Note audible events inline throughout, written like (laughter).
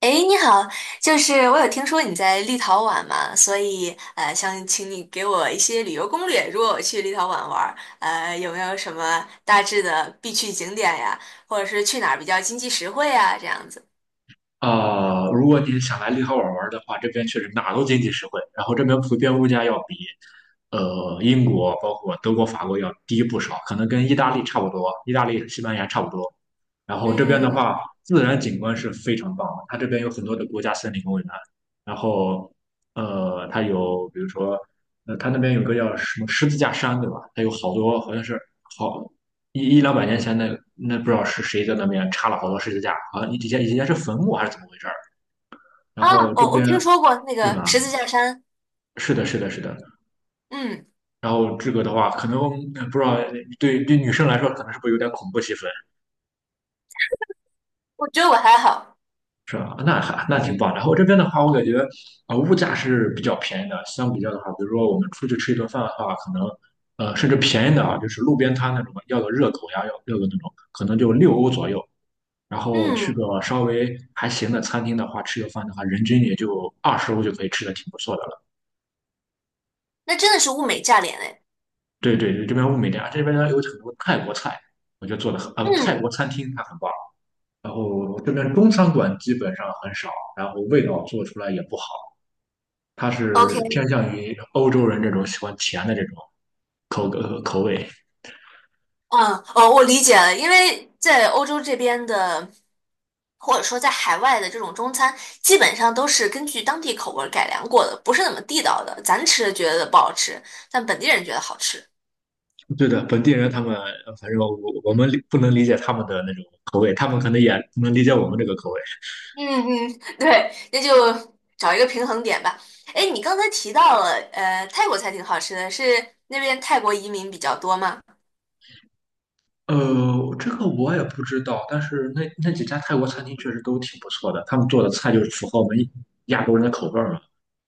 诶，你好，就是我有听说你在立陶宛嘛，所以想请你给我一些旅游攻略。如果我去立陶宛玩儿，有没有什么大致的必去景点呀，或者是去哪儿比较经济实惠呀，这样子？啊、如果你想来立陶宛玩的话，这边确实哪儿都经济实惠，然后这边普遍物价要比英国、包括德国、法国要低不少，可能跟意大利差不多，意大利、西班牙差不多。然后这边的嗯。话，自然景观是非常棒的，它这边有很多的国家森林公园，然后它有比如说它那边有个叫什么十字架山，对吧？它有好多好像是。好。一200年前那不知道是谁在那边插了好多十字架，好像以前是坟墓还是怎么回事儿？然啊，后这我边。听说过那对个吧？十字架山。是的，是的，是的。嗯，然后这个的话，可能不知道对女生来说，可能是不是有点恐怖气氛，我觉得我还好。是吧？那还那挺棒。然后这边的话，我感觉啊、物价是比较便宜的，相比较的话，比如说我们出去吃一顿饭的话，可能甚至便宜的啊，就是路边摊那种要个热狗呀，要个那种，可能就6欧左右。然后去嗯，个稍微还行的餐厅的话，吃个饭的话，人均也就20欧就可以吃的挺不错的了。那真的是物美价廉诶。对对对，这边物美价廉，这边呢有很多泰国菜，我觉得做的很，泰嗯。国餐厅它很棒。然后这边中餐馆基本上很少，然后味道做出来也不好，它 o 是 k。 偏向于欧洲人这种喜欢甜的这种口味。嗯，哦，我理解了，因为在欧洲这边的，或者说在海外的这种中餐，基本上都是根据当地口味儿改良过的，不是那么地道的。咱吃觉得不好吃，但本地人觉得好吃。对的，本地人他们，反正我们不能理解他们的那种口味，他们可能也不能理解我们这个口味。嗯嗯，对，那就找一个平衡点吧。哎，你刚才提到了，泰国菜挺好吃的，是那边泰国移民比较多吗？呃，这个我也不知道，但是那几家泰国餐厅确实都挺不错的，他们做的菜就是符合我们亚洲人的口味儿嘛。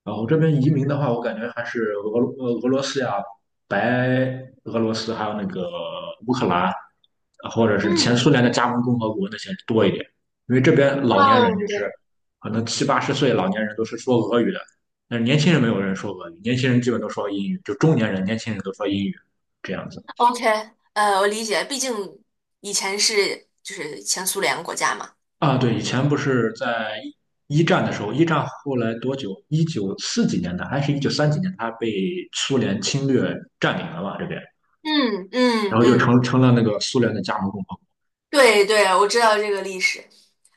然后这边移民的话，我感觉还是俄罗斯呀、白俄罗斯，还有那个乌克兰，或者是前嗯苏联的加盟共和国那些多一点，因为这边老年人嗯，就是对，可能七八十岁老年人都是说俄语的，但是年轻人没有人说俄语，年轻人基本都说英语，就中年人、年轻人都说英语这样子。OK，我理解，毕竟以前是就是前苏联国家嘛。啊，对，以前不是在一战的时候，一战后来多久？一九四几年的，还是一九三几年，它被苏联侵略占领了嘛，这边，嗯然嗯后就嗯，成了那个苏联的加盟共和。对对，我知道这个历史。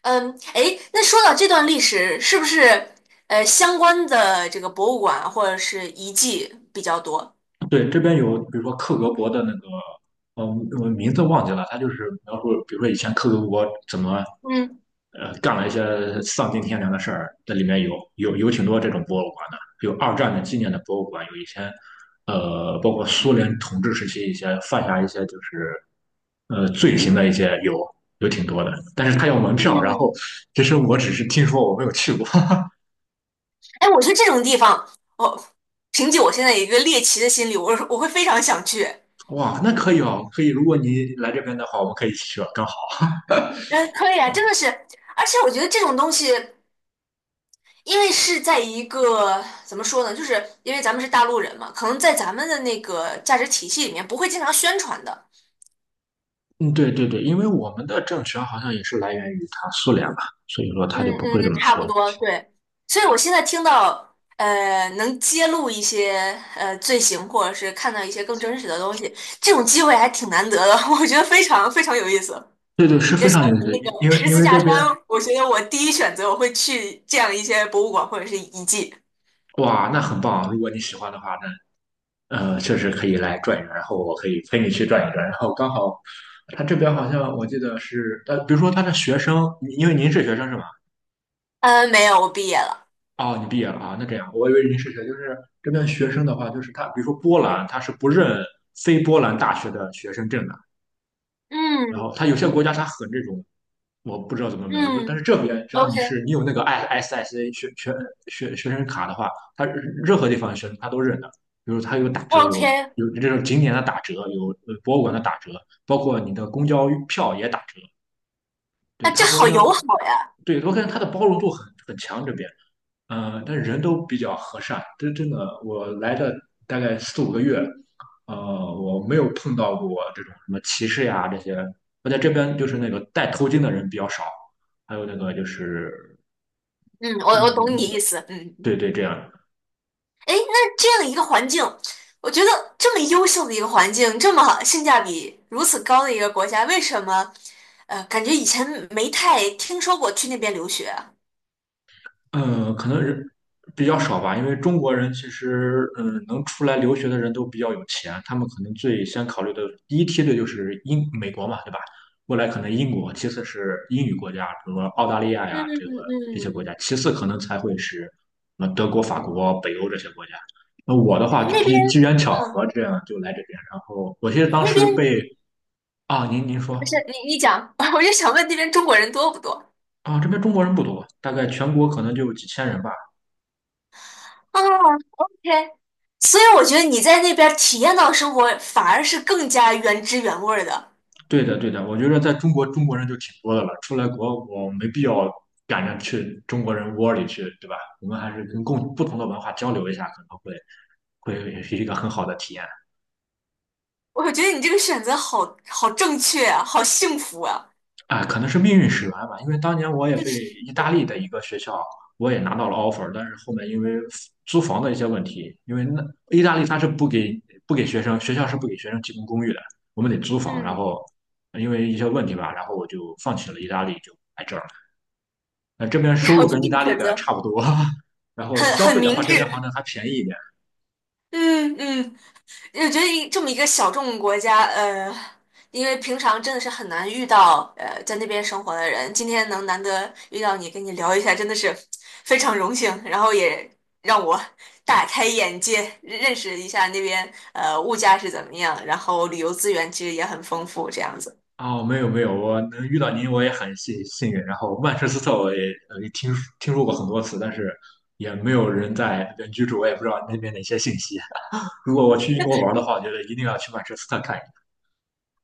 嗯，哎，那说到这段历史，是不是相关的这个博物馆或者是遗迹比较多？对，这边有，比如说克格勃的那个，嗯，我名字忘记了，他就是描述，比如说以前克格勃怎么，嗯干了一些丧尽天良的事儿，这里面有挺多这种博物馆的，有二战的纪念的博物馆，有以前，包括苏联统治时期一些犯下一些就是，罪行的一些有挺多的，但是他要门票，然后嗯，其实我只是听说，我没有去过。(laughs) 哎，我觉得这种地方，我凭借我现在一个猎奇的心理，我会非常想去。哇，那可以哦，可以，如果你来这边的话，我们可以一起去啊，刚好。嗯，可以啊，真的是，而且我觉得这种东西，因为是在一个怎么说呢，就是因为咱们是大陆人嘛，可能在咱们的那个价值体系里面不会经常宣传的。嗯，对对对，因为我们的政权好像也是来源于他苏联吧，所以说他嗯就不会这嗯，么差不说。多，对。所以我现在听到，能揭露一些罪行，或者是看到一些更真实的东西，这种机会还挺难得的，(laughs) 我觉得非常非常有意思。对对，是也非相常有意比思，那因个因为十因字为架这山，边。我觉得我第一选择我会去这样一些博物馆或者是遗迹。哇，那很棒啊。如果你喜欢的话，那确实可以来转一转，然后我可以陪你去转一转。然后刚好他这边好像我记得是比如说他的学生，因为您是学生是吧？嗯，没有，我毕业了。哦，你毕业了啊，那这样，我以为您是学，就是这边学生的话，就是他，比如说波兰，他是不认非波兰大学的学生证的。然后嗯它有些国家它很这种，我不知道怎么描述，但是嗯这边只要，OK 你有那个 I SSA 学生卡的话，它任何地方学生他都认的。比如它有打折，有 OK，有这种景点的打折，有博物馆的打折，包括你的公交票也打折。对，那这它我好感觉，友好呀。对我感觉它的包容度很强这边。但人都比较和善，这真的，我来的大概4、5个月，呃，我没有碰到过这种什么歧视呀这些。我在这边就是那个戴头巾的人比较少，还有那个就是嗯，我那我个。懂那你意个，思。嗯。对对，这样。哎，那这样一个环境，我觉得这么优秀的一个环境，这么性价比如此高的一个国家，为什么感觉以前没太听说过去那边留学啊？嗯，可能人比较少吧，因为中国人其实，嗯，能出来留学的人都比较有钱，他们可能最先考虑的第一梯队就是英美国嘛，对吧？未来可能英国，其次是英语国家，比如说澳大利亚嗯呀，这些嗯国家，其次可能才会是德国、法国、北欧这些国家。那我的话，嗯，就那边，比机缘巧嗯，合这样就来这边，然后我记得当那时边被。啊，您不是说。你讲，(laughs) 我就想问那边中国人多不多？啊，这边中国人不多，大概全国可能就几千人吧。哦，OK，所以我觉得你在那边体验到的生活，反而是更加原汁原味儿的。对的，对的，我觉得在中国，中国人就挺多的了，出来国我没必要赶着去中国人窝里去，对吧？我们还是跟共不同的文化交流一下，可能会是一个很好的体验。我觉得你这个选择好好正确啊，好幸福啊！啊，可能是命运使然吧，因为当年我也被意大利的一个学校，我也拿到了 offer，但是后面因为租房的一些问题，因为那意大利它是不给学生，学校是不给学生提供公寓的，我们得租房，然嗯。后因为一些问题吧，然后我就放弃了意大利，就这边收 (laughs) 我入就跟这意个大利选的择，差不多，(laughs) 然后很消很费明的话，这边好智。像还便宜一点。嗯嗯，我觉得这么一个小众国家，因为平常真的是很难遇到在那边生活的人，今天能难得遇到你，跟你聊一下，真的是非常荣幸，然后也让我大开眼界，认识一下那边物价是怎么样，然后旅游资源其实也很丰富，这样子。哦，没有没有，我能遇到您，我也很运。然后曼彻斯特我也听说过很多次，但是也没有人在那边居住，我也不知道那边的一些信息。(laughs) 如果我去英国玩的话，我觉得一定要去曼彻斯特看一看。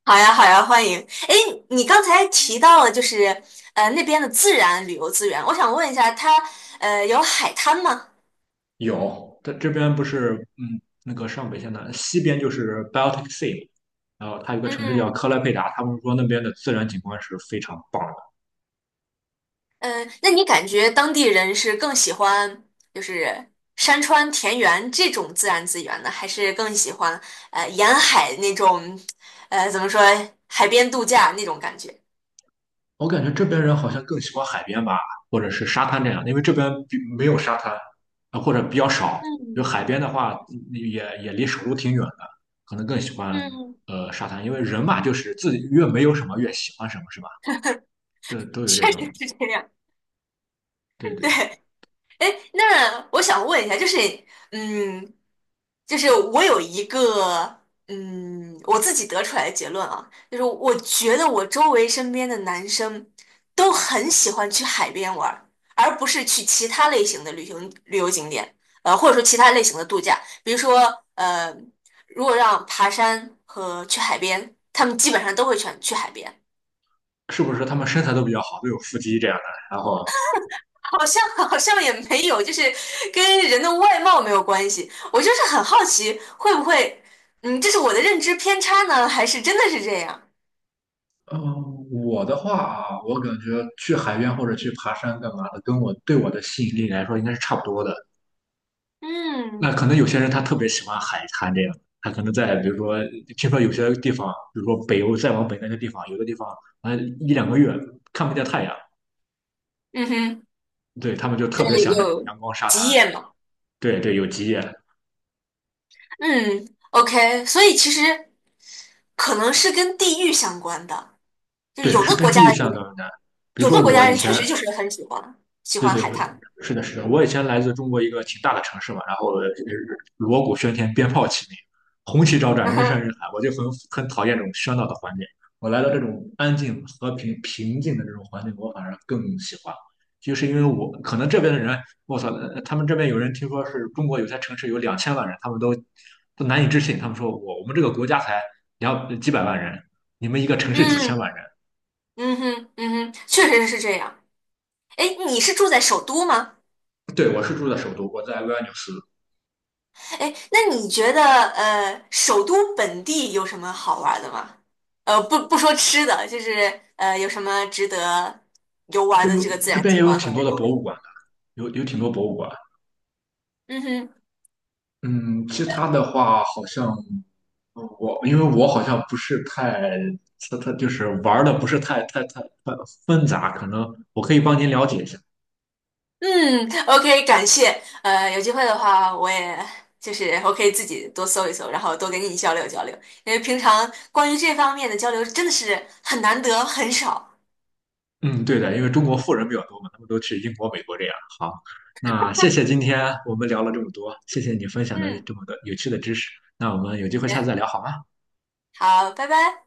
好呀，好呀，欢迎。哎，你刚才提到了就是那边的自然旅游资源，我想问一下，它有海滩吗？有，它这边不是那个上北线的西边就是 Baltic Sea，然后它有个城市叫嗯，克莱佩达，他们说那边的自然景观是非常棒的。那你感觉当地人是更喜欢就是山川田园这种自然资源呢，还是更喜欢沿海那种怎么说海边度假那种感觉？我感觉这边人好像更喜欢海边吧，或者是沙滩这样，因为这边比没有沙滩，啊，或者比较少。就海嗯边的话，嗯也离首都挺远的，可能更喜欢嗯，沙滩，因为人嘛，就是自己越没有什么越喜欢什么，是吧？对，都有这确种，实是这样，对 (laughs) 对，对。哎，那我想问一下，就是，嗯，就是我有一个，我自己得出来的结论啊，就是我觉得我周围身边的男生都很喜欢去海边玩儿而不是去其他类型的旅行旅游景点，或者说其他类型的度假，比如说，呃，如果让爬山和去海边，他们基本上都会选去海边。是不是他们身材都比较好，都有腹肌这样的？然后，好像 (laughs) 好像也没有，就是跟人的外貌没有关系。我就是很好奇，会不会，这是我的认知偏差呢，还是真的是这样？嗯，我的话，我感觉去海边或者去爬山干嘛的，跟我对我的吸引力来说，应该是差不多的。嗯那可能有些人他特别喜欢海滩这样，他可能在比如说，听说有些地方，比如说北欧再往北那些地方，有的地方啊一两个月看不见太阳，嗯哼，对他们就特对，别想这种有阳光沙极滩。夜嘛。对对，有极夜，嗯，OK，所以其实可能是跟地域相关的，就是对有是的跟国地域家的相人，关的。比如有说的国我家以人确前。实就是很喜欢喜对欢对，海我滩。是的，是的，我以前来自中国一个挺大的城市嘛，然后锣鼓喧天，鞭炮齐鸣，红旗招 (laughs) 展，嗯人山哼，人海，我就很讨厌这种喧闹的环境。我来到这种安静、和平、平静的这种环境，我反而更喜欢。就是因为我可能这边的人，我操，他们这边有人听说是中国有些城市有2000万人，他们都难以置信，他们说我们这个国家才两几百万人，你们一个城市几千嗯万人。嗯哼嗯哼，确实是这样。哎，你是住在首都吗？对，我是住在首都，我在维尔纽斯。哎，那你觉得首都本地有什么好玩的吗？不不说吃的，就是有什么值得游玩这的有这个自这然边景也有观和挺多人的博文物景馆观？的，有挺多博物馆。嗯哼，嗯，其他的话好像我因为我好像不是太，他就是玩的不是太纷杂，可能我可以帮您了解一下。嗯，OK，感谢。有机会的话，我也就是我可以自己多搜一搜，然后多跟你交流交流，因为平常关于这方面的交流真的是很难得，很少。嗯，对的，因为中国富人比较多嘛，他们都去英国、美国这样。好，那谢谢今天我们聊了这么多，谢谢你分享的嗯，这么多有趣的知识。那我们有机会下次嗯，再聊好吗？好，拜拜。